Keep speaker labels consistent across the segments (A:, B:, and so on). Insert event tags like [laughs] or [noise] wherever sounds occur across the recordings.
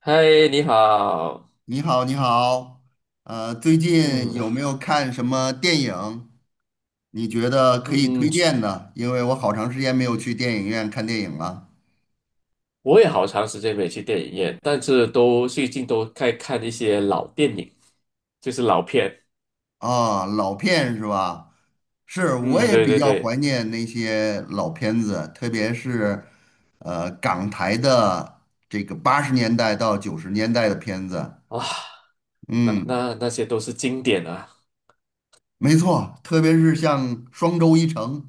A: 嗨，你好。
B: 你好，你好，最近
A: 嗯
B: 有没有看什么电影？你觉得可以
A: 嗯，
B: 推荐的？因为我好长时间没有去电影院看电影了。
A: 我也好长时间没去电影院，但是都最近都在看一些老电影，就是老片。
B: 啊，老片是吧？是，我
A: 嗯，
B: 也
A: 对
B: 比
A: 对
B: 较
A: 对，
B: 怀念那些老片子，特别是港台的这个80年代到九十年代的片子。
A: 啊，那
B: 嗯，
A: 那那些都是经典啊。
B: 没错，特别是像双周一成、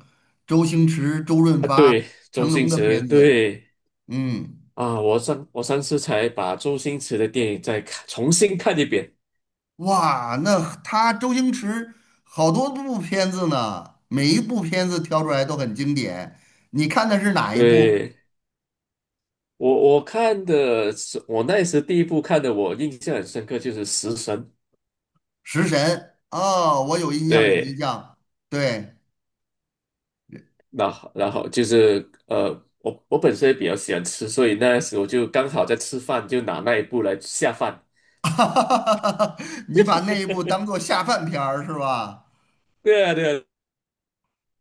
B: 周星驰、周润
A: 啊，
B: 发、
A: 对，周
B: 成
A: 星
B: 龙的
A: 驰，
B: 片子。
A: 对
B: 嗯。
A: 啊，我上次才把周星驰的电影重新看一遍。
B: 哇，那他周星驰好多部片子呢，每一部片子挑出来都很经典。你看的是哪一部？
A: 对，我看的是，我那时第一部看的，我印象很深刻就是《食神》。
B: 《食神》哦，我有印象，有印
A: 对。
B: 象。对，
A: 那好，然后就是我本身也比较喜欢吃，所以那时我就刚好在吃饭，就拿那一步来下饭
B: [laughs] 你把那一部当
A: [laughs]。
B: 做下饭片儿是吧？
A: 对啊，对啊，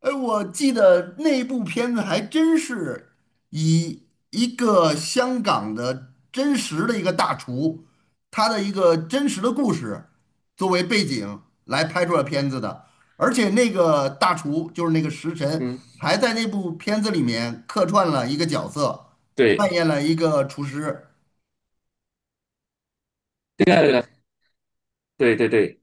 B: 哎，我记得那部片子还真是以一个香港的真实的一个大厨，他的一个真实的故事作为背景来拍出了片子的，而且那个大厨就是那个食神，
A: 嗯，
B: 还在那部片子里面客串了一个角色，扮
A: 对，
B: 演了一个厨师。
A: 对啊，对啊，对对对，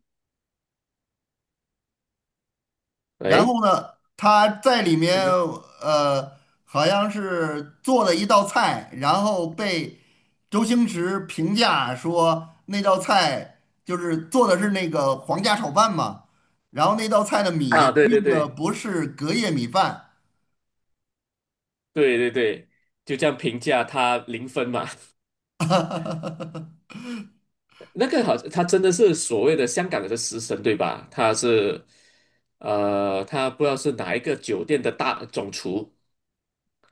B: 然
A: 哎，
B: 后呢，他在里面
A: 嗯，
B: 呃，好像是做了一道菜，然后被周星驰评价说那道菜就是做的是那个皇家炒饭嘛，然后那道菜的米
A: 啊，对对
B: 用的
A: 对，
B: 不是隔夜米饭，
A: 对对对，就这样评价他0分嘛。[laughs]
B: [laughs]
A: 那个好像他真的是所谓的香港的食神，对吧？他不知道是哪一个酒店的大总厨，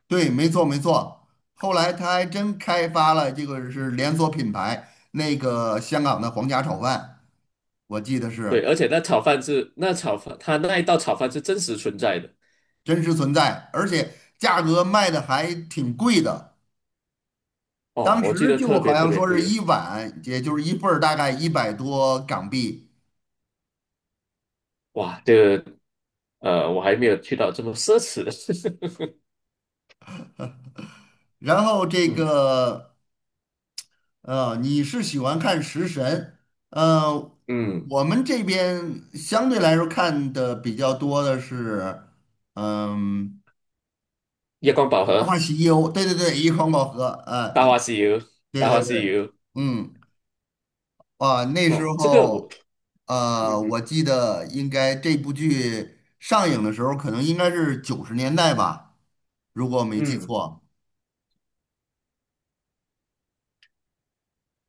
B: 对，没错没错。后来他还真开发了这个是连锁品牌，那个香港的皇家炒饭，我记得
A: 对，
B: 是。
A: 而且那炒饭，他那一道炒饭是真实存在的。
B: 真实存在，而且价格卖的还挺贵的。
A: 哦，
B: 当
A: 我记
B: 时
A: 得
B: 就
A: 特
B: 好
A: 别特
B: 像
A: 别
B: 说是
A: 贵，
B: 一碗，也就是一份儿，大概100多港币。
A: 哇，我还没有去到这么奢侈的。[laughs]
B: 然后这
A: 嗯
B: 个你是喜欢看食神，呃，
A: 嗯，
B: 我们这边相对来说看的比较多的是，嗯，
A: 夜光宝
B: 大话
A: 盒、
B: 西游，对对对，一空宝盒。
A: 大话西游、
B: 对
A: 大话
B: 对
A: 西
B: 对，
A: 游，
B: 嗯。啊，那时
A: 嗯，这个我，
B: 候，
A: 嗯哼
B: 我记得应该这部剧上映的时候，可能应该是九十年代吧，如果我没记
A: 嗯，
B: 错。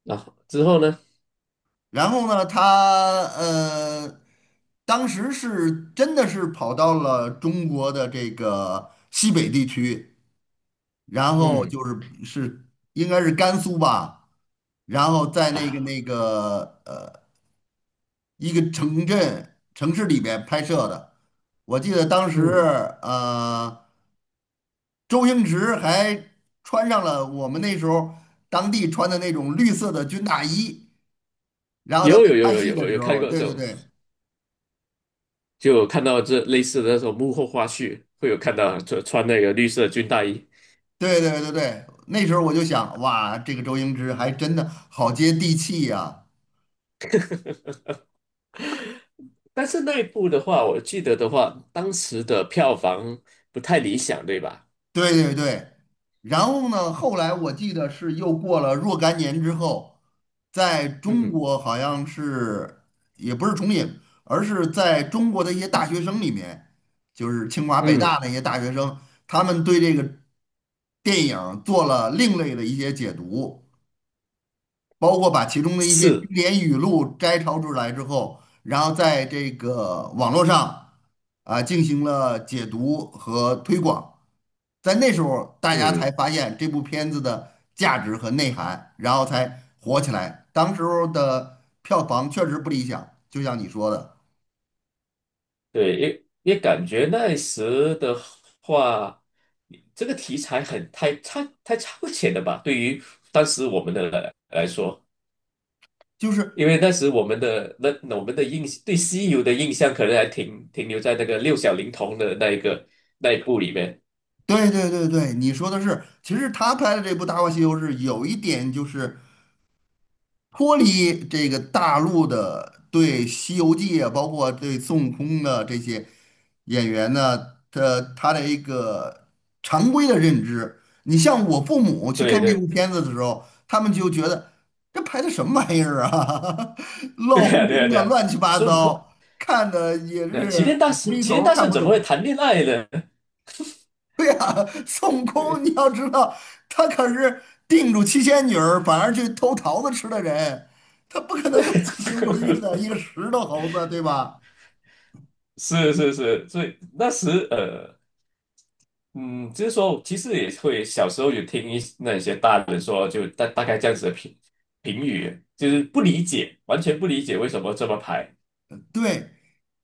A: 之后呢，
B: 然后呢，他当时是真的是跑到了中国的这个西北地区，然后就
A: 嗯
B: 是应该是甘肃吧，然后在那个
A: 啊，
B: 那个一个城镇城市里边拍摄的。我记得当时，
A: 嗯，
B: 呃。周星驰还穿上了我们那时候当地穿的那种绿色的军大衣，然后他
A: 有
B: 们
A: 有有
B: 拍
A: 有
B: 戏的
A: 有有
B: 时
A: 看
B: 候，
A: 过
B: 对
A: 这
B: 对
A: 种，
B: 对
A: 就有看到这类似的那种幕后花絮，会有看到穿那个绿色军大衣，
B: 对对对对，那时候我就想，哇，这个周星驰还真的好接地气呀、
A: 但是那一部的话，我记得的话，当时的票房不太理想，对吧？
B: 对对对，然后呢，后来我记得是又过了若干年之后，在
A: 嗯
B: 中
A: 哼
B: 国好像是也不是重影，而是在中国的一些大学生里面，就是清华北大
A: 嗯，
B: 那些大学生，他们对这个电影做了另类的一些解读，包括把其中的一些经
A: 是。
B: 典语录摘抄出来之后，然后在这个网络上啊进行了解读和推广。在那时候，大家才
A: 嗯，
B: 发现这部片子的价值和内涵，然后才火起来。当时候的票房确实不理想，就像你说的，
A: 对，也感觉那时的话，这个题材很太超前了吧？对于当时我们来说，
B: 就是
A: 因为那时我们的对西游的印象，可能还停留在那个六小龄童的那一部里面。
B: 对对对对，你说的是，其实他拍的这部《大话西游》是有一点就是脱离这个大陆的对《西游记》啊，包括对孙悟空的这些演员呢，他的一个常规的认知。你像我父母去
A: 对
B: 看这
A: 对
B: 部片子的时候，他们就觉得这拍的什么玩意儿啊，[laughs]
A: [laughs] 对
B: 乱哄
A: 呀、啊、对呀、
B: 哄
A: 啊、对
B: 的，
A: 呀、啊，
B: 乱七八
A: 孙悟空，
B: 糟，看的也是无厘
A: 齐
B: 头
A: 天
B: 儿
A: 大
B: 看
A: 圣
B: 不
A: 怎么
B: 懂。
A: 会谈恋爱呢？
B: [laughs] 对呀，孙悟空，
A: 对，
B: 你要知道，他可是定住七仙女儿，反而去偷桃子吃的人，他不可能有七情六欲的，
A: [laughs]
B: 一个石头猴子，对吧？
A: 是是是，所以那时。嗯，就是说，其实也会小时候有听那些大人说，就大概这样子的评语，就是不理解，完全不理解为什么这么排。
B: 对，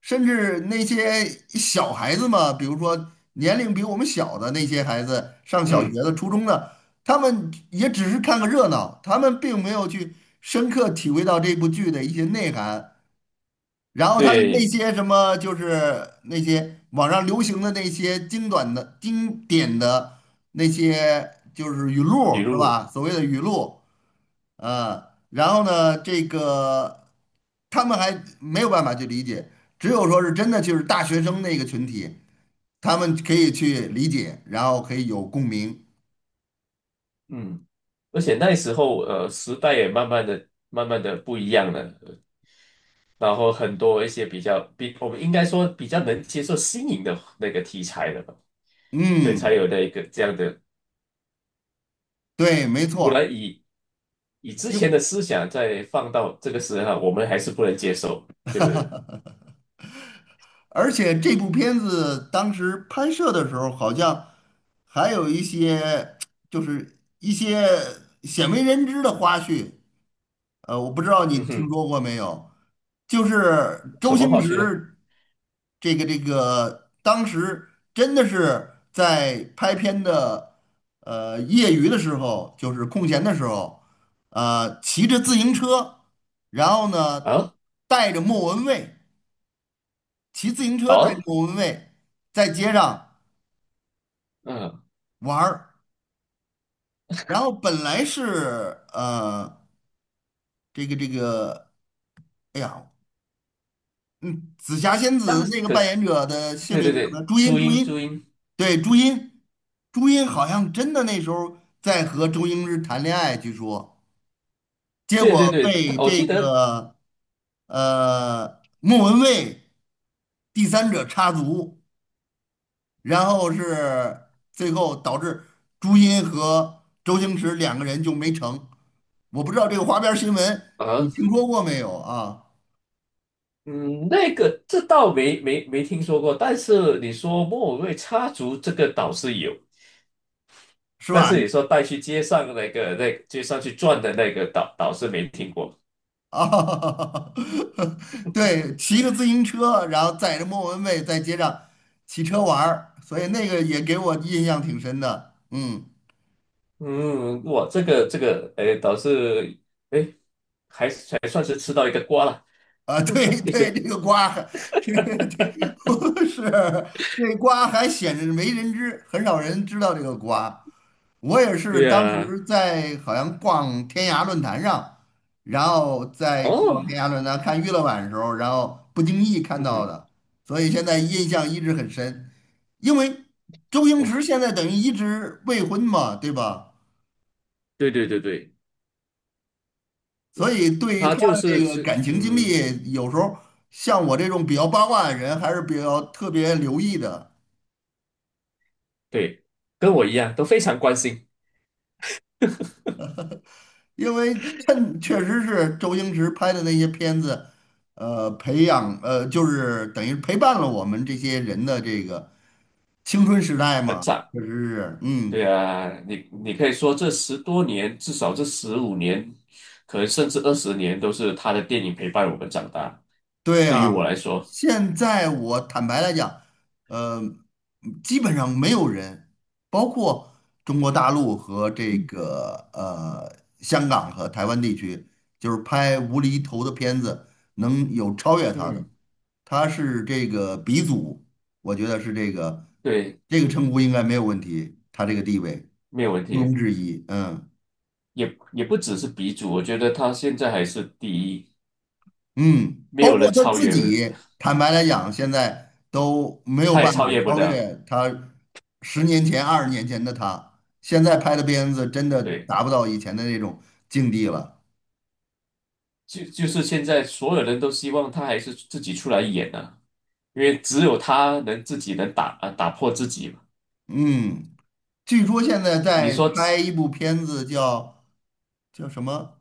B: 甚至那些小孩子嘛，比如说年龄比我们小的那些孩子，上小学
A: 嗯，
B: 的、初中的，他们也只是看个热闹，他们并没有去深刻体会到这部剧的一些内涵。然后他那
A: 对，
B: 些什么，就是那些网上流行的那些精短的、经典的那些，就是语录
A: 语
B: 是
A: 录，
B: 吧？所谓的语录，呃，然后呢，这个他们还没有办法去理解，只有说是真的就是大学生那个群体，他们可以去理解，然后可以有共鸣。
A: 嗯，而且那时候，时代也慢慢的、慢慢的不一样了，然后很多一些比较比我们应该说比较能接受新颖的那个题材了吧，所以才
B: 嗯，
A: 有那个这样的
B: 对，没
A: 不
B: 错。
A: 然以之前的思想再放到这个时候啊，我们还是不能接受，对不对？
B: 而且这部片子当时拍摄的时候，好像还有一些 [tsk] 就是一些鲜为人知的花絮，我不知道你
A: 嗯
B: 听
A: 哼，
B: 说过没有？就是
A: 什
B: 周
A: 么
B: 星
A: 话去呢？
B: 驰这个，当时真的是在拍片的业余的时候，就是空闲的时候，骑着自行车，然后呢
A: 啊，
B: 带着莫文蔚。骑自行车
A: 好
B: 带
A: 啊，
B: 着莫文蔚在街上
A: 嗯，
B: 玩儿，然后本来是这个，哎呀，嗯，紫霞
A: 诶，
B: 仙
A: 当
B: 子
A: 然，
B: 那个
A: 可
B: 扮演
A: 是，
B: 者的姓
A: 对
B: 名
A: 对
B: 是什么？
A: 对，
B: 朱茵，
A: 朱
B: 朱
A: 茵，朱
B: 茵，
A: 茵，
B: 对，朱茵，朱茵好像真的那时候在和周星驰谈恋爱，据说，结
A: 对
B: 果
A: 对对，他
B: 被
A: 我
B: 这
A: 记得
B: 个莫文蔚第三者插足。然后是最后导致朱茵和周星驰两个人就没成。我不知道这个花边新闻你
A: 啊，
B: 听说过没有啊？
A: 嗯，这倒没听说过，但是你说莫文蔚插足这个岛是有，
B: 是
A: 但
B: 吧？
A: 是你说带去街上那街上去转的那个岛是没听过。
B: 啊，[laughs] 对，骑个自行车，然后载着莫文蔚在街上骑车玩儿，所以那个也给我印象挺深的。嗯，
A: 嗯，哇，哎，倒是，哎，还算是吃到一个瓜了，
B: 啊，对
A: [laughs] 一个，
B: 对，这个瓜对对，
A: [laughs]
B: [laughs] 不 [laughs] 是这瓜还显着没人知，很少人知道这个瓜。我也
A: 对
B: 是当
A: 呀，
B: 时在好像逛天涯论坛上，然后在
A: 哦，
B: 逛天涯论坛看娱乐版的时候，然后不经意看
A: 嗯
B: 到
A: 哼，
B: 的，所以现在印象一直很深。因为周星
A: 哇，
B: 驰现在等于一直未婚嘛，对吧？
A: 对对对对，
B: 所以对于
A: 他
B: 他
A: 就
B: 的
A: 是
B: 这个
A: 吃，
B: 感情经
A: 嗯，
B: 历，有时候像我这种比较八卦的人，还是比较特别留意的。
A: 对，跟我一样都非常关心，
B: 因为趁确实是周星驰拍的那些片子，培养就是等于陪伴了我们这些人的这个青春时代
A: 很
B: 嘛，
A: 赞，
B: 确实是，
A: 对
B: 嗯。
A: 啊，你可以说这10多年，至少这15年，可能甚至20年，都是他的电影陪伴我们长大，
B: 对
A: 对于
B: 啊，
A: 我来说，
B: 现在我坦白来讲，呃，基本上没有人，包括中国大陆和这个香港和台湾地区，就是拍无厘头的片子能有超越他的，
A: 嗯，
B: 他是这个鼻祖，我觉得是这个
A: 对，
B: 称呼应该没有问题，他这个地位
A: 没有问
B: 毋庸
A: 题。
B: 置疑，嗯。
A: 也不只是鼻祖，我觉得他现在还是第一，
B: 嗯，
A: 没
B: 包
A: 有
B: 括
A: 人
B: 他
A: 超
B: 自
A: 越，
B: 己，坦白来讲，现在都没有
A: 他也
B: 办
A: 超
B: 法
A: 越不
B: 超
A: 了。
B: 越他十年前、二十年前的他。现在拍的片子真的
A: 对，
B: 达不到以前的那种境地了。
A: 就是现在所有人都希望他还是自己出来演啊，因为只有他能自己打破自己嘛。
B: 嗯，据说现在
A: 你
B: 在
A: 说，
B: 拍一部片子叫什么？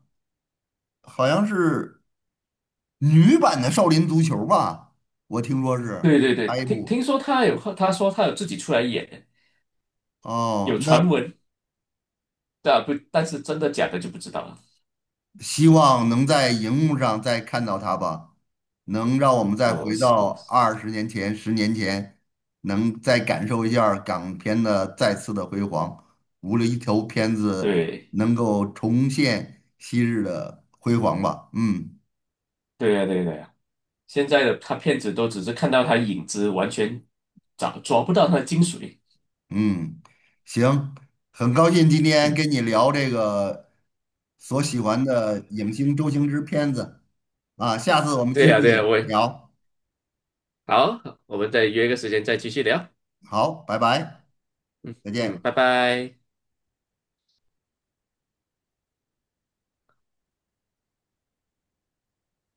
B: 好像是女版的《少林足球》吧？我听说是
A: 对对对，
B: 拍一
A: 听
B: 部。
A: 听说他说他有自己出来演，
B: 哦，
A: 有
B: 那
A: 传闻，但不但是真的假的就不知道了。
B: 希望能在荧幕上再看到他吧，能让我们再
A: 呃，
B: 回
A: 是
B: 到
A: 我
B: 二十年前、十年前，能再感受一下儿港片的再次的辉煌。无论一条片子
A: 对
B: 能够重现昔日的辉煌吧。嗯
A: 对呀对呀对呀，现在的他骗子都只是看到他影子，完全抓不到他的精髓。
B: 嗯，行，很高兴今天
A: 嗯，
B: 跟你聊这个所喜欢的影星周星驰片子啊，下次我们
A: 对
B: 继
A: 呀，对呀，
B: 续
A: 我也
B: 聊。
A: 好，我们再约个时间再继续聊。
B: 好，拜拜，再
A: 嗯，
B: 见。
A: 拜拜。